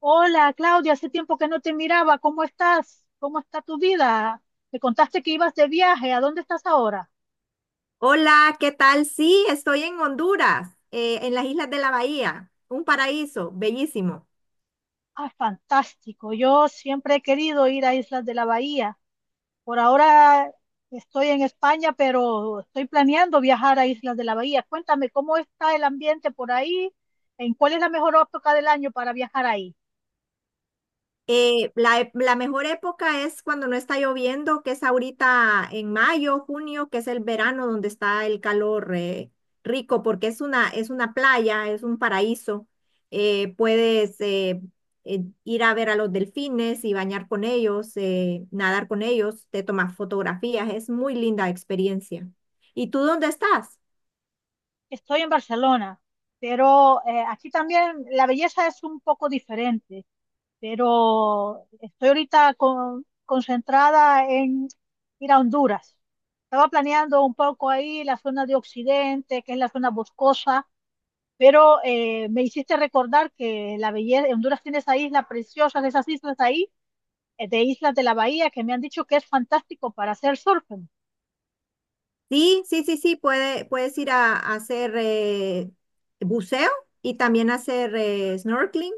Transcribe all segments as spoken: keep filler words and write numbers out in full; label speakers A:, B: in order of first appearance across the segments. A: Hola, Claudia, hace tiempo que no te miraba. ¿Cómo estás? ¿Cómo está tu vida? Me contaste que ibas de viaje. ¿A dónde estás ahora?
B: Hola, ¿qué tal? Sí, estoy en Honduras, eh, en las Islas de la Bahía, un paraíso bellísimo.
A: Ah, fantástico. Yo siempre he querido ir a Islas de la Bahía. Por ahora estoy en España, pero estoy planeando viajar a Islas de la Bahía. Cuéntame, ¿cómo está el ambiente por ahí? ¿En cuál es la mejor época del año para viajar ahí?
B: Eh, la, e- la mejor época es cuando no está lloviendo, que es ahorita en mayo, junio, que es el verano donde está el calor eh, rico, porque es una, es una playa, es un paraíso. Eh, puedes eh, eh, ir a ver a los delfines y bañar con ellos, eh, nadar con ellos, te tomas fotografías, es muy linda experiencia. ¿Y tú dónde estás?
A: Estoy en Barcelona, pero eh, aquí también la belleza es un poco diferente. Pero estoy ahorita con- concentrada en ir a Honduras. Estaba planeando un poco ahí la zona de Occidente, que es la zona boscosa, pero eh, me hiciste recordar que la belleza, Honduras tiene esa isla preciosa, de esas islas ahí, eh, de Islas de la Bahía, que me han dicho que es fantástico para hacer surfing.
B: Sí, sí, sí, sí, puede, puedes ir a, a hacer eh, buceo y también hacer eh, snorkeling.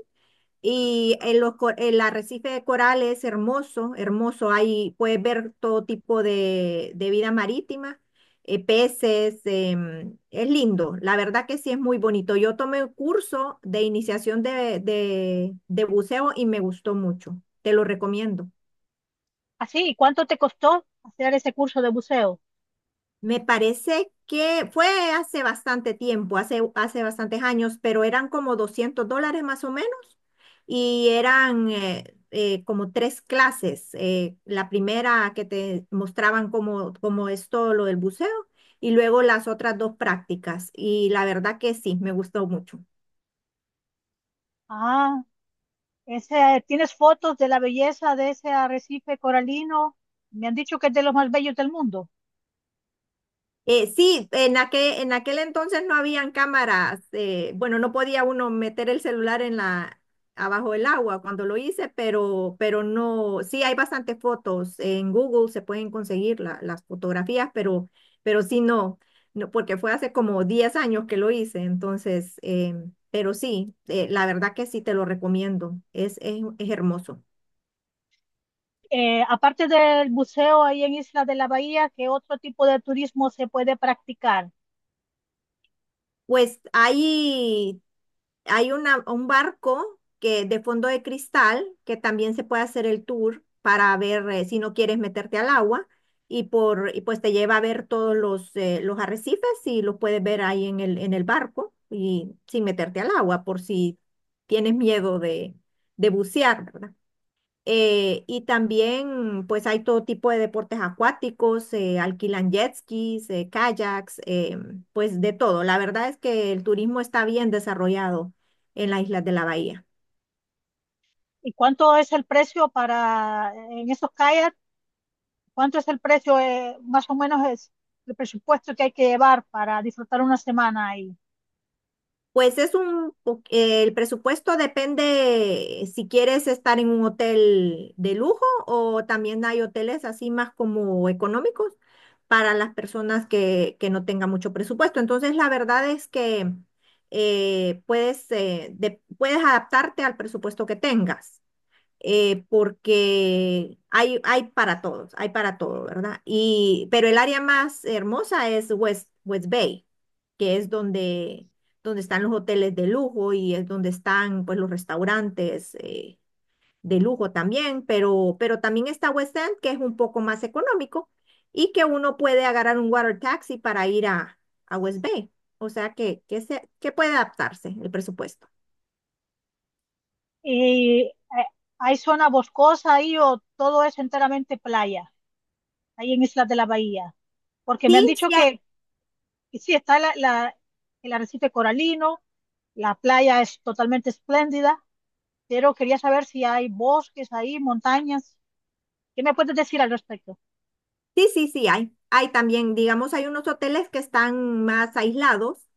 B: Y el, los co- el arrecife de coral es hermoso, hermoso. Ahí puedes ver todo tipo de, de vida marítima, eh, peces, em, es lindo. La verdad que sí es muy bonito. Yo tomé un curso de iniciación de, de de buceo y me gustó mucho. Te lo recomiendo.
A: Así, ¿y cuánto te costó hacer ese curso de buceo?
B: Me parece que fue hace bastante tiempo, hace, hace bastantes años, pero eran como doscientos dólares más o menos y eran eh, eh, como tres clases. Eh, la primera que te mostraban cómo, cómo es todo lo del buceo y luego las otras dos prácticas. Y la verdad que sí, me gustó mucho.
A: Ah, ese, ¿tienes fotos de la belleza de ese arrecife coralino? Me han dicho que es de los más bellos del mundo.
B: Eh, sí, en aquel, en aquel entonces no habían cámaras, eh, bueno, no podía uno meter el celular en la, abajo del agua cuando lo hice, pero, pero no, sí hay bastantes fotos, en Google se pueden conseguir la- las fotografías, pero, pero sí no, no, porque fue hace como diez años que lo hice, entonces, eh, pero sí, eh, la verdad que sí te lo recomiendo, es, es, es hermoso.
A: Eh, aparte del buceo ahí en Isla de la Bahía, ¿qué otro tipo de turismo se puede practicar?
B: Pues ahí hay una, un barco que de fondo de cristal que también se puede hacer el tour para ver, eh, si no quieres meterte al agua y por y pues te lleva a ver todos los, eh, los arrecifes y los puedes ver ahí en el, en el barco y sin meterte al agua por si tienes miedo de, de bucear, ¿verdad? Eh, y también, pues hay todo tipo de deportes acuáticos, eh, alquilan jet skis, eh, kayaks, eh, pues de todo. La verdad es que el turismo está bien desarrollado en las Islas de la Bahía.
A: ¿Y cuánto es el precio para en esos kayaks? ¿Cuánto es el precio, eh, más o menos es el presupuesto que hay que llevar para disfrutar una semana ahí?
B: Pues es un, po- eh, el presupuesto depende si quieres estar en un hotel de lujo o también hay hoteles así más como económicos para las personas que, que no tengan mucho presupuesto. Entonces, la verdad es que eh, puedes, eh, de- puedes adaptarte al presupuesto que tengas, eh, porque hay, hay para todos, hay para todo, ¿verdad? Y, pero el área más hermosa es West, West Bay, que es donde, donde están los hoteles de lujo y es donde están, pues, los restaurantes, eh, de lujo también, pero, pero también está West End, que es un poco más económico y que uno puede agarrar un water taxi para ir a, a West Bay. O sea que, que, se, que puede adaptarse el presupuesto.
A: ¿Y eh, hay zona boscosa ahí o todo es enteramente playa, ahí en Isla de la Bahía? Porque me han
B: Sí,
A: dicho
B: sí.
A: que, que sí, está la, la- el arrecife coralino, la playa es totalmente espléndida, pero quería saber si hay bosques ahí, montañas. ¿Qué me puedes decir al respecto?
B: Sí, sí, sí, hay. Hay también, digamos, hay unos hoteles que están más aislados,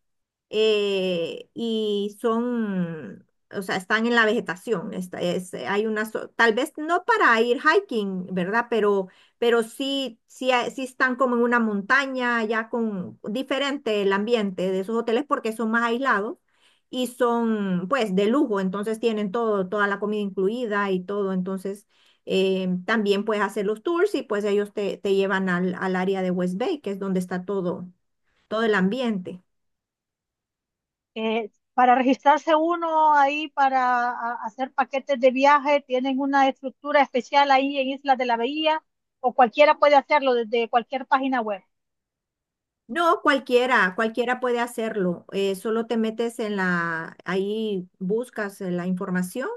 B: eh, y son, o sea, están en la vegetación. Esta es, eh, hay una, zo- Tal vez no para ir hiking, ¿verdad? Pero, pero sí, sí, hay- sí están como en una montaña, ya con diferente el ambiente de esos hoteles porque son más aislados y son, pues, de lujo, entonces tienen todo, toda la comida incluida y todo, entonces. Eh, también puedes hacer los tours y pues ellos te, te llevan al, al área de West Bay, que es donde está todo, todo el ambiente.
A: Eh, para registrarse uno ahí, para a- hacer paquetes de viaje, ¿tienen una estructura especial ahí en Islas de la Bahía? ¿O cualquiera puede hacerlo desde cualquier página web?
B: No, cualquiera, cualquiera puede hacerlo. Eh, solo te metes en la, ahí buscas, eh, la información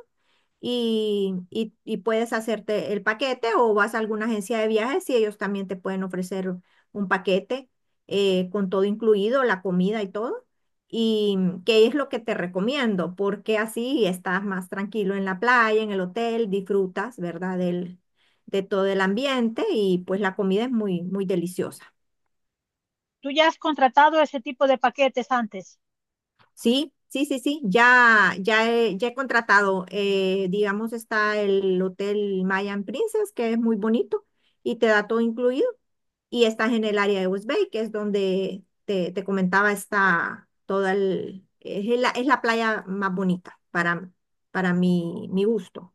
B: y, y- y puedes hacerte el paquete o vas a alguna agencia de viajes y ellos también te pueden ofrecer un paquete, eh, con todo incluido, la comida y todo. Y qué es lo que te recomiendo, porque así estás más tranquilo en la playa, en el hotel, disfrutas, ¿verdad? Del, de todo el ambiente y pues la comida es muy, muy deliciosa.
A: Tú ya has contratado ese tipo de paquetes antes.
B: Sí, sí, sí, sí, ya, ya he, ya he contratado, eh, digamos, está el Hotel Mayan Princess, que es muy bonito y te da todo incluido, y estás en el área de West Bay, que es donde te, te comentaba, está toda el, es la, es la playa más bonita para, para mi, mi gusto.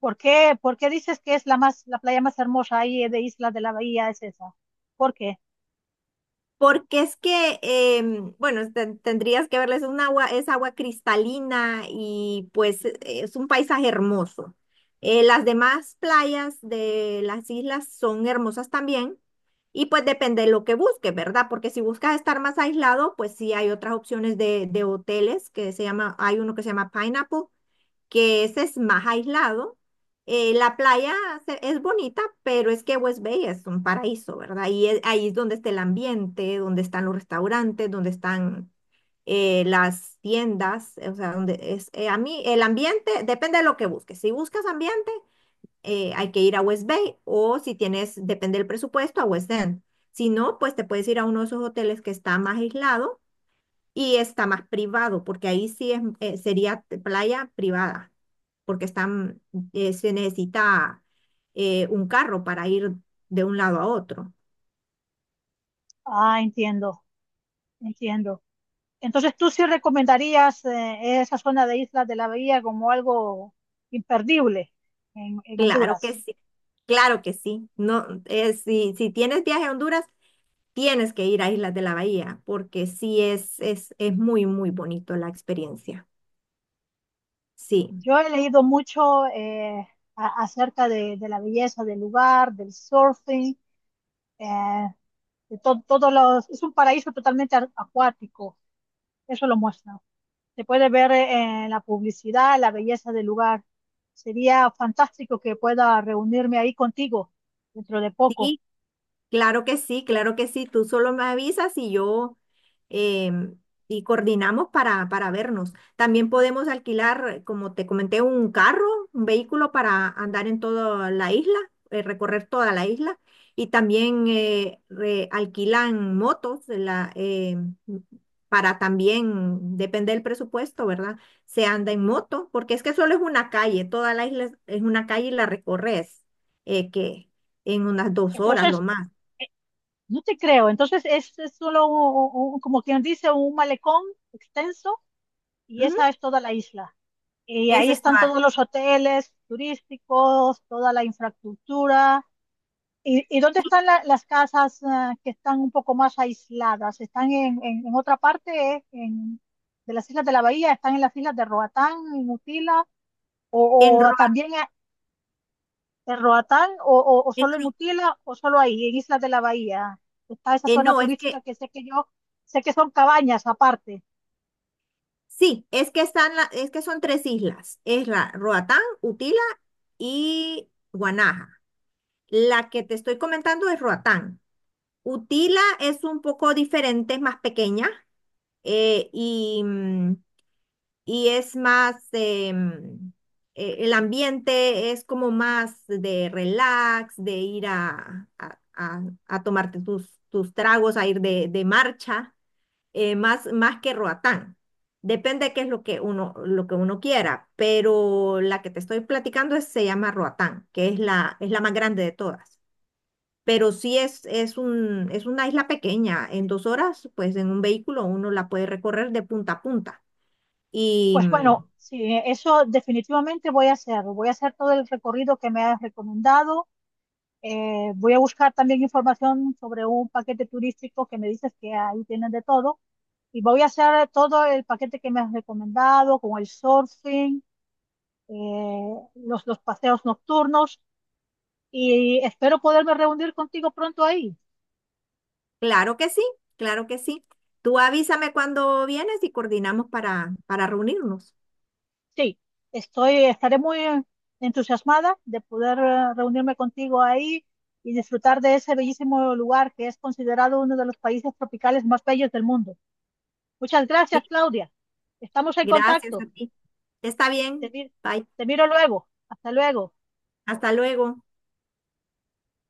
A: ¿Por qué, por qué dices que es la más, la playa más hermosa ahí de Islas de la Bahía es esa? ¿Por qué?
B: Porque es que, em, bueno, ten- tendrías que verles un agua, es agua cristalina y pues e- e, es un paisaje hermoso. Eh, las demás playas de las islas son hermosas también y pues depende de lo que busques, ¿verdad? Porque si buscas estar más aislado, pues sí hay otras opciones de, de hoteles que se llama, hay uno que se llama Pineapple, que ese es más aislado. Eh, la playa se- es bonita, pero es que West Bay es un paraíso, ¿verdad? Y es- ahí es donde está el ambiente, donde están los restaurantes, donde están, eh, las tiendas, eh, o sea, donde es, eh, a mí el ambiente depende de lo que busques. Si buscas ambiente, eh, hay que ir a West Bay o si tienes, depende del presupuesto, a West End. Si no, pues te puedes ir a uno de esos hoteles que está más aislado y está más privado, porque ahí sí es, eh, sería playa privada, porque están, eh, se necesita eh, un carro para ir de un lado a otro.
A: Ah, entiendo, entiendo. Entonces, ¿tú sí recomendarías eh, esa zona de Islas de la Bahía como algo imperdible en, en
B: Claro que
A: Honduras?
B: sí, claro que sí. No, eh, si, si tienes viaje a Honduras, tienes que ir a Islas de la Bahía, porque sí es, es, es muy, muy bonito la experiencia. Sí,
A: Yo he leído mucho eh, a- acerca de, de la belleza del lugar, del surfing, eh, de to- todos los... Es un paraíso totalmente a- acuático, eso lo muestra. Se puede ver eh, en la publicidad la belleza del lugar. Sería fantástico que pueda reunirme ahí contigo dentro de poco.
B: sí. Claro que sí, claro que sí. Tú solo me avisas y yo, em, y coordinamos para, para vernos. También podemos alquilar, como te comenté, un carro, un vehículo para andar en toda la isla, eh, recorrer toda la isla. Y también, eh, re- alquilan motos de la, em, para también, depende del presupuesto, ¿verdad? Se anda en moto, porque es que solo es una calle, toda la isla es es una calle y la recorres, eh, que en unas dos horas lo
A: Entonces,
B: más.
A: no te creo. Entonces es, es solo un- un- un- como quien dice, un malecón extenso y
B: Ujú.
A: esa es toda la isla. Y
B: Ese
A: ahí
B: Es
A: están
B: Estoa,
A: todos los hoteles turísticos, toda la infraestructura. ¿Y, y dónde
B: sí,
A: están la- las casas ah, que están un poco más aisladas? ¿Están en, en- en otra parte eh, en- de las islas de la bahía? ¿Están en las islas de Roatán, en Utila?
B: en
A: ¿O, o
B: Roa,
A: también en Roatán o, o, o
B: en
A: solo en
B: Ro-
A: Utila o solo ahí, en Islas de la Bahía? Está esa
B: eh,
A: zona
B: no, es que,
A: turística que sé que yo sé que son cabañas aparte.
B: sí, es que están la- es que son tres islas, es la Roatán, Utila y Guanaja. La que te estoy comentando es Roatán. Utila es un poco diferente, es más pequeña, eh, y, mm, y es más, eh, mm, eh, el ambiente es como más de relax, de ir a, a- a- a tomarte tus, tus tragos, a ir de de marcha. eh, más, más que Roatán. Depende de qué es lo que uno, lo que uno quiera, pero la que te estoy platicando es- se llama Roatán, que es la, es la más grande de todas. Pero sí es, es un, es una isla pequeña. En dos horas, pues en un vehículo uno la puede recorrer de punta a punta. Y
A: Pues
B: mm,
A: bueno, sí, eso definitivamente voy a hacer. Voy a hacer todo el recorrido que me has recomendado. Eh, voy a buscar también información sobre un paquete turístico que me dices que ahí tienen de todo. Y voy a hacer todo el paquete que me has recomendado, con el surfing, eh, los, los paseos nocturnos. Y espero poderme reunir contigo pronto ahí.
B: claro que sí, claro que sí. Tú avísame cuando vienes y coordinamos para, para reunirnos.
A: Sí, estoy, estaré muy entusiasmada de poder eh, reunirme contigo ahí y disfrutar de ese bellísimo lugar que es considerado uno de los países tropicales más bellos del mundo. Muchas gracias,
B: Sí,
A: Claudia. Estamos en
B: gracias a
A: contacto.
B: ti. Está
A: Te,
B: bien.
A: mi-
B: Bye.
A: te miro luego. Hasta luego.
B: Hasta luego.